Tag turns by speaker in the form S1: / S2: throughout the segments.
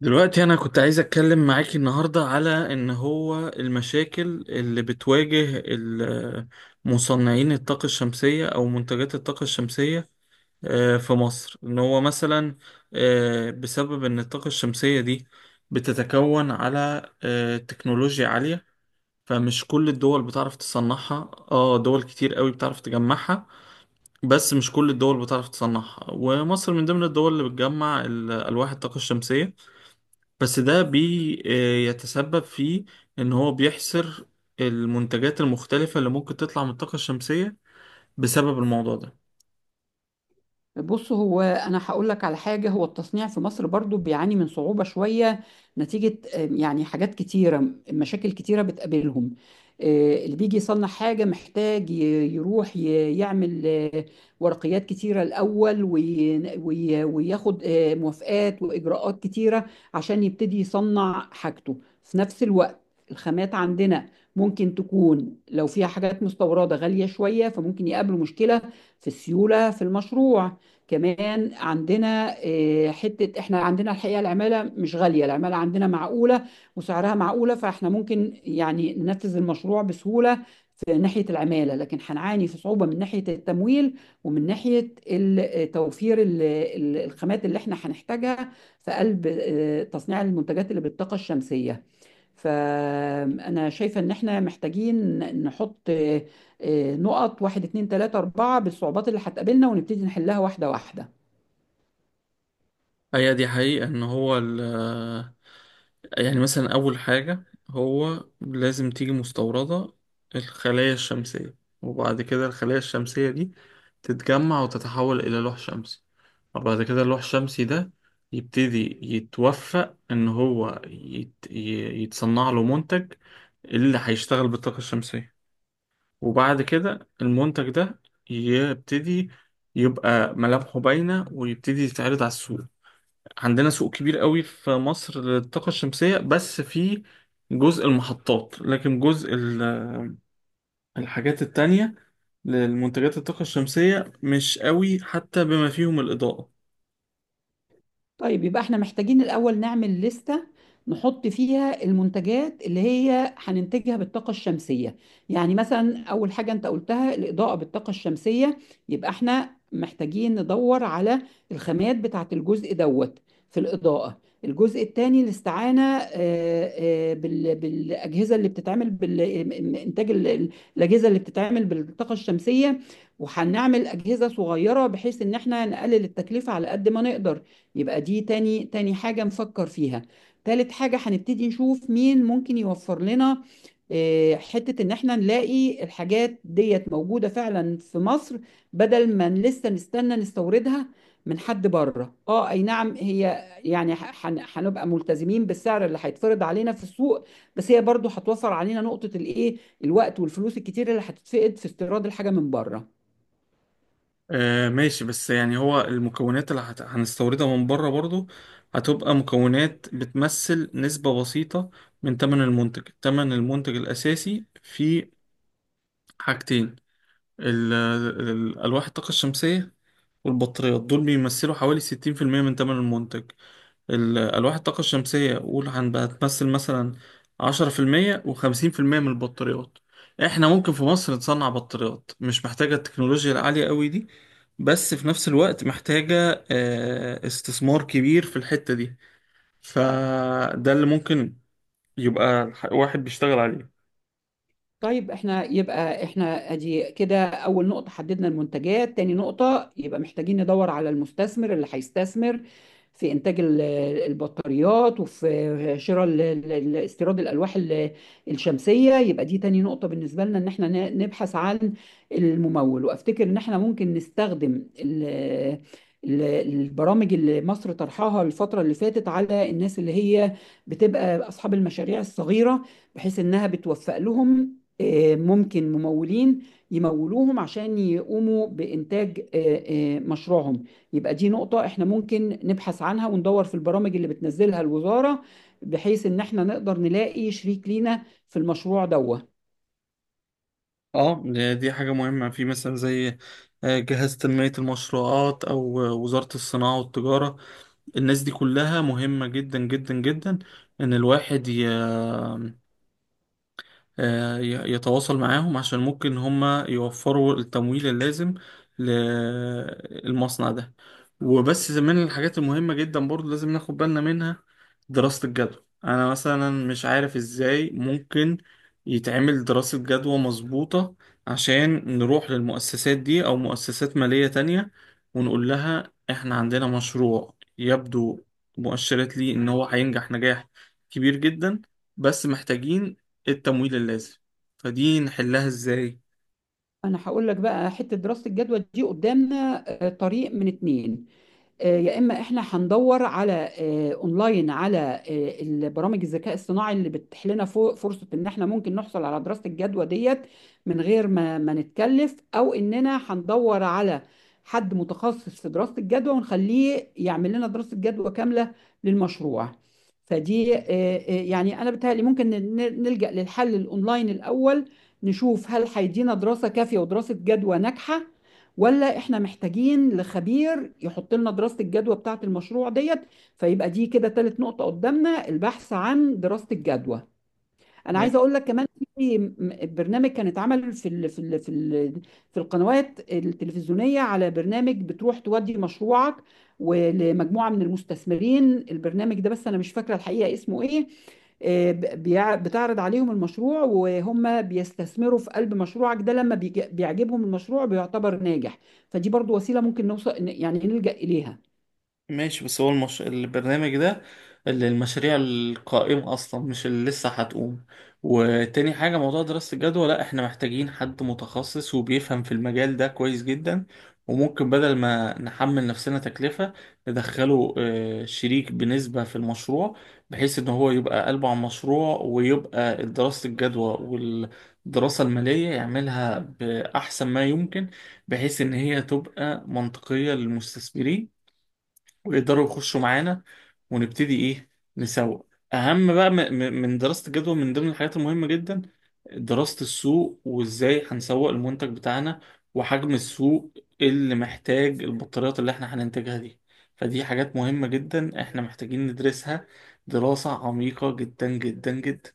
S1: دلوقتي أنا كنت عايز أتكلم معاكي النهاردة على إن هو المشاكل اللي بتواجه مصنعين الطاقة الشمسية أو منتجات الطاقة الشمسية في مصر إن هو مثلا بسبب إن الطاقة الشمسية دي بتتكون على تكنولوجيا عالية. فمش كل الدول بتعرف تصنعها، دول كتير قوي بتعرف تجمعها، بس مش كل الدول بتعرف تصنعها. ومصر من ضمن الدول اللي بتجمع ألواح الطاقة الشمسية، بس ده بيتسبب في ان هو بيحصر المنتجات المختلفة اللي ممكن تطلع من الطاقة الشمسية بسبب الموضوع ده.
S2: بص هو انا هقول لك على حاجه، هو التصنيع في مصر برضو بيعاني من صعوبه شويه، نتيجه يعني حاجات كتيره، مشاكل كتيره بتقابلهم. اللي بيجي يصنع حاجه محتاج يروح يعمل ورقيات كتيره الاول وياخد موافقات واجراءات كتيره عشان يبتدي يصنع حاجته. في نفس الوقت الخامات عندنا ممكن تكون لو فيها حاجات مستورده غاليه شويه، فممكن يقابله مشكله في السيوله في المشروع. كمان عندنا حتة احنا عندنا الحقيقة العمالة مش غالية، العمالة عندنا معقولة وسعرها معقولة، فاحنا ممكن يعني ننفذ المشروع بسهولة في ناحية العمالة، لكن هنعاني في صعوبة من ناحية التمويل، ومن ناحية توفير الخامات اللي احنا هنحتاجها في قلب تصنيع المنتجات اللي بالطاقة الشمسية. فأنا شايفة إن إحنا محتاجين نحط نقط واحد اتنين تلاتة أربعة بالصعوبات اللي هتقابلنا، ونبتدي نحلها واحدة واحدة.
S1: هي دي حقيقة ان هو يعني مثلا اول حاجة هو لازم تيجي مستوردة الخلايا الشمسية، وبعد كده الخلايا الشمسية دي تتجمع وتتحول الى لوح شمسي، وبعد كده اللوح الشمسي ده يبتدي يتوفق ان هو يتصنع له منتج اللي هيشتغل بالطاقة الشمسية. وبعد كده المنتج ده يبتدي يبقى ملامحه باينة ويبتدي يتعرض على السوق. عندنا سوق كبير قوي في مصر للطاقة الشمسية، بس في جزء المحطات، لكن جزء الحاجات التانية للمنتجات الطاقة الشمسية مش قوي، حتى بما فيهم الإضاءة.
S2: طيب يبقى احنا محتاجين الأول نعمل لستة نحط فيها المنتجات اللي هي هننتجها بالطاقة الشمسية. يعني مثلا أول حاجة أنت قلتها الإضاءة بالطاقة الشمسية، يبقى احنا محتاجين ندور على الخامات بتاعة الجزء دوت في الإضاءة. الجزء الثاني الاستعانة بالأجهزة اللي بتتعمل بالإنتاج، الأجهزة اللي بتتعمل بالطاقة الشمسية، وهنعمل أجهزة صغيرة بحيث إن احنا نقلل التكلفة على قد ما نقدر. يبقى دي تاني حاجة نفكر فيها. تالت حاجة هنبتدي نشوف مين ممكن يوفر لنا حتة إن إحنا نلاقي الحاجات ديت موجودة فعلا في مصر، بدل ما لسه نستنى نستوردها من حد بره. اه، اي نعم، هي يعني هنبقى ملتزمين بالسعر اللي هيتفرض علينا في السوق، بس هي برضو هتوفر علينا نقطة الايه، الوقت والفلوس الكتير اللي هتتفقد في استيراد الحاجة من بره.
S1: آه، ماشي، بس يعني هو المكونات اللي هنستوردها من بره برضو هتبقى مكونات بتمثل نسبة بسيطة من تمن المنتج. تمن المنتج الأساسي في حاجتين، ألواح الطاقة الشمسية والبطاريات، دول بيمثلوا حوالي 60% من تمن المنتج. ألواح الطاقة الشمسية قول هنبقى تمثل مثلا 10%، و50% من البطاريات. احنا ممكن في مصر نصنع بطاريات مش محتاجة التكنولوجيا العالية قوي دي، بس في نفس الوقت محتاجة استثمار كبير في الحتة دي. فده اللي ممكن يبقى واحد بيشتغل عليه.
S2: طيب احنا ادي كده اول نقطة حددنا المنتجات، تاني نقطة يبقى محتاجين ندور على المستثمر اللي هيستثمر في انتاج البطاريات، وفي شراء استيراد الالواح الشمسية. يبقى دي تاني نقطة بالنسبة لنا، ان احنا نبحث عن الممول. وافتكر ان احنا ممكن نستخدم البرامج اللي مصر طرحها الفترة اللي فاتت على الناس اللي هي بتبقى أصحاب المشاريع الصغيرة، بحيث إنها بتوفق لهم ممكن ممولين يمولوهم عشان يقوموا بإنتاج مشروعهم. يبقى دي نقطة احنا ممكن نبحث عنها وندور في البرامج اللي بتنزلها الوزارة، بحيث ان احنا نقدر نلاقي شريك لينا في المشروع دوت.
S1: اه، دي حاجة مهمة. في مثلا زي جهاز تنمية المشروعات أو وزارة الصناعة والتجارة، الناس دي كلها مهمة جدا جدا جدا إن الواحد يتواصل معاهم، عشان ممكن هما يوفروا التمويل اللازم للمصنع ده. وبس من الحاجات المهمة جدا برضو لازم ناخد بالنا منها دراسة الجدوى. أنا مثلا مش عارف إزاي ممكن يتعمل دراسة جدوى مظبوطة عشان نروح للمؤسسات دي أو مؤسسات مالية تانية ونقول لها إحنا عندنا مشروع يبدو مؤشرات ليه إن هو هينجح نجاح كبير جدا، بس محتاجين التمويل اللازم. فدي نحلها ازاي؟
S2: انا هقول لك بقى حتة دراسة الجدوى دي، قدامنا طريق من اتنين، يا اما احنا هندور على اونلاين على البرامج الذكاء الصناعي اللي بتتيح لنا فرصه ان احنا ممكن نحصل على دراسه الجدوى ديت من غير ما نتكلف، او اننا هندور على حد متخصص في دراسه الجدوى ونخليه يعمل لنا دراسه جدوى كامله للمشروع. فدي يعني انا بتهيألي ممكن نلجأ للحل الاونلاين الاول، نشوف هل هيدينا دراسه كافيه ودراسه جدوى ناجحه، ولا احنا محتاجين لخبير يحط لنا دراسة الجدوى بتاعة المشروع ديت. فيبقى دي كده تالت نقطة قدامنا، البحث عن دراسة الجدوى. انا عايزه اقول لك كمان في برنامج كان اتعمل في القنوات التلفزيونيه، على برنامج بتروح تودي مشروعك ولمجموعه من المستثمرين. البرنامج ده بس انا مش فاكره الحقيقه اسمه ايه، بتعرض عليهم المشروع وهم بيستثمروا في قلب مشروعك ده، لما بيعجبهم المشروع بيعتبر ناجح. فدي برضو وسيله ممكن نوصل يعني نلجأ اليها.
S1: ماشي، بس هو البرنامج ده اللي المشاريع القائمة أصلا، مش اللي لسه هتقوم. وتاني حاجة، موضوع دراسة الجدوى، لا احنا محتاجين حد متخصص وبيفهم في المجال ده كويس جدا. وممكن بدل ما نحمل نفسنا تكلفة ندخله شريك بنسبة في المشروع، بحيث ان هو يبقى قلبه على المشروع ويبقى دراسة الجدوى والدراسة المالية يعملها بأحسن ما يمكن، بحيث ان هي تبقى منطقية للمستثمرين ويقدروا يخشوا معانا ونبتدي ايه، نسوق. اهم بقى من دراسة الجدوى، من ضمن الحاجات المهمة جدا دراسة السوق وازاي هنسوق المنتج بتاعنا وحجم السوق اللي محتاج البطاريات اللي احنا هننتجها دي. فدي حاجات مهمة جدا احنا محتاجين ندرسها دراسة عميقة جدا جدا جدا.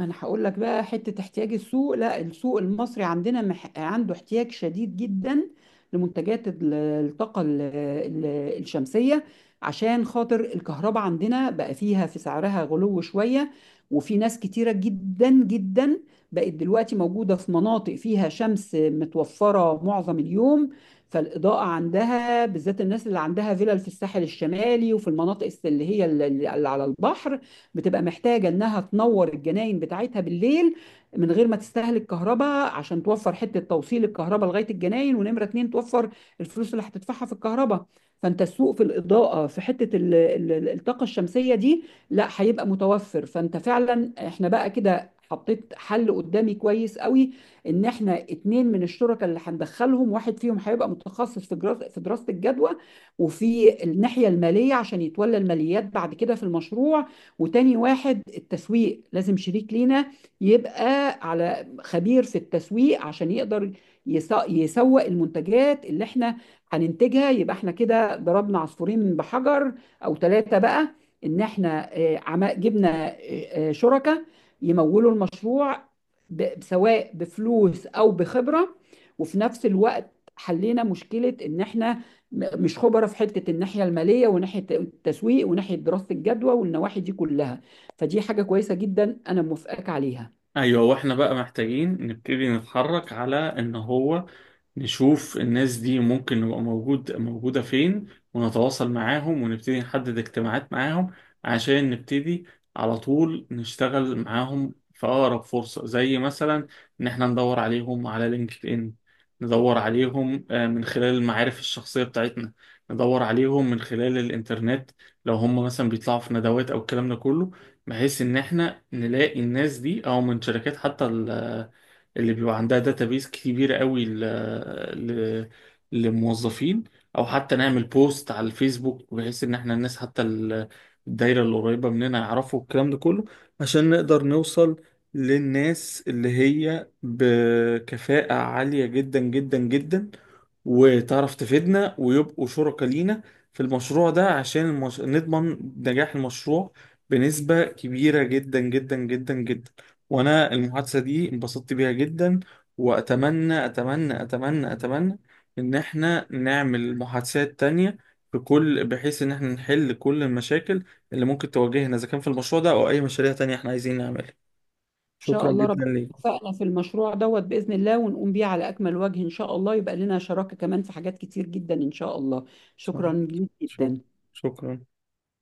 S2: انا هقول لك بقى حته احتياج السوق، لا السوق المصري عندنا عنده احتياج شديد جدا لمنتجات الطاقه الشمسيه، عشان خاطر الكهرباء عندنا بقى فيها في سعرها غلو شويه. وفي ناس كتيره جدا جدا بقت دلوقتي موجوده في مناطق فيها شمس متوفره معظم اليوم، فالاضاءه عندها بالذات الناس اللي عندها فيلل في الساحل الشمالي وفي المناطق اللي على البحر، بتبقى محتاجة إنها تنور الجناين بتاعتها بالليل من غير ما تستهلك كهرباء، عشان توفر حتة توصيل الكهرباء لغاية الجناين، ونمرة اتنين توفر الفلوس اللي هتدفعها في الكهرباء. فأنت السوق في الإضاءة في حتة الطاقة الشمسية دي لا هيبقى متوفر. فأنت فعلا إحنا بقى كده حطيت حل قدامي كويس قوي، ان احنا اتنين من الشركاء اللي هندخلهم، واحد فيهم هيبقى متخصص في في دراسة الجدوى وفي الناحية المالية عشان يتولى الماليات بعد كده في المشروع، وتاني واحد التسويق، لازم شريك لينا يبقى على خبير في التسويق عشان يقدر يسوق المنتجات اللي احنا هننتجها. يبقى احنا كده ضربنا عصفورين بحجر او ثلاثة بقى، ان احنا جبنا شركاء يمولوا المشروع، سواء بفلوس او بخبرة، وفي نفس الوقت حلينا مشكلة ان احنا مش خبره في حته الناحيه الماليه وناحيه التسويق وناحيه دراسه الجدوى والنواحي دي كلها. فدي حاجه كويسه جدا انا موافقاك عليها.
S1: ايوه، واحنا بقى محتاجين نبتدي نتحرك على ان هو نشوف الناس دي ممكن نبقى موجودة فين، ونتواصل معاهم ونبتدي نحدد اجتماعات معاهم، عشان نبتدي على طول نشتغل معاهم في أقرب فرصة. زي مثلا إن احنا ندور عليهم على لينكد إن، ندور عليهم من خلال المعارف الشخصية بتاعتنا، ندور عليهم من خلال الإنترنت لو هم مثلا بيطلعوا في ندوات أو الكلام ده كله، بحيث ان احنا نلاقي الناس دي، او من شركات حتى اللي بيبقى عندها داتابيز كبيرة قوي ل... للموظفين، او حتى نعمل بوست على الفيسبوك بحيث ان احنا الناس حتى الدايرة اللي قريبة مننا يعرفوا الكلام ده كله، عشان نقدر نوصل للناس اللي هي بكفاءة عالية جدا جدا جدا وتعرف تفيدنا ويبقوا شركاء لينا في المشروع ده، عشان نضمن نجاح المشروع بنسبة كبيرة جدا جدا جدا جدا. وأنا المحادثة دي انبسطت بيها جدا، وأتمنى أتمنى أتمنى أتمنى إن إحنا نعمل محادثات تانية في كل، بحيث إن إحنا نحل كل المشاكل اللي ممكن تواجهنا إذا كان في المشروع ده أو أي مشاريع تانية إحنا عايزين نعملها.
S2: ان شاء
S1: شكرا
S2: الله ربنا
S1: جدا ليك.
S2: يوفقنا في المشروع دوت باذن الله، ونقوم بيه على اكمل وجه ان شاء الله، يبقى لنا شراكه كمان في حاجات كتير جدا ان شاء الله. شكرا ليك
S1: شكرا.
S2: جدا.
S1: شكرا.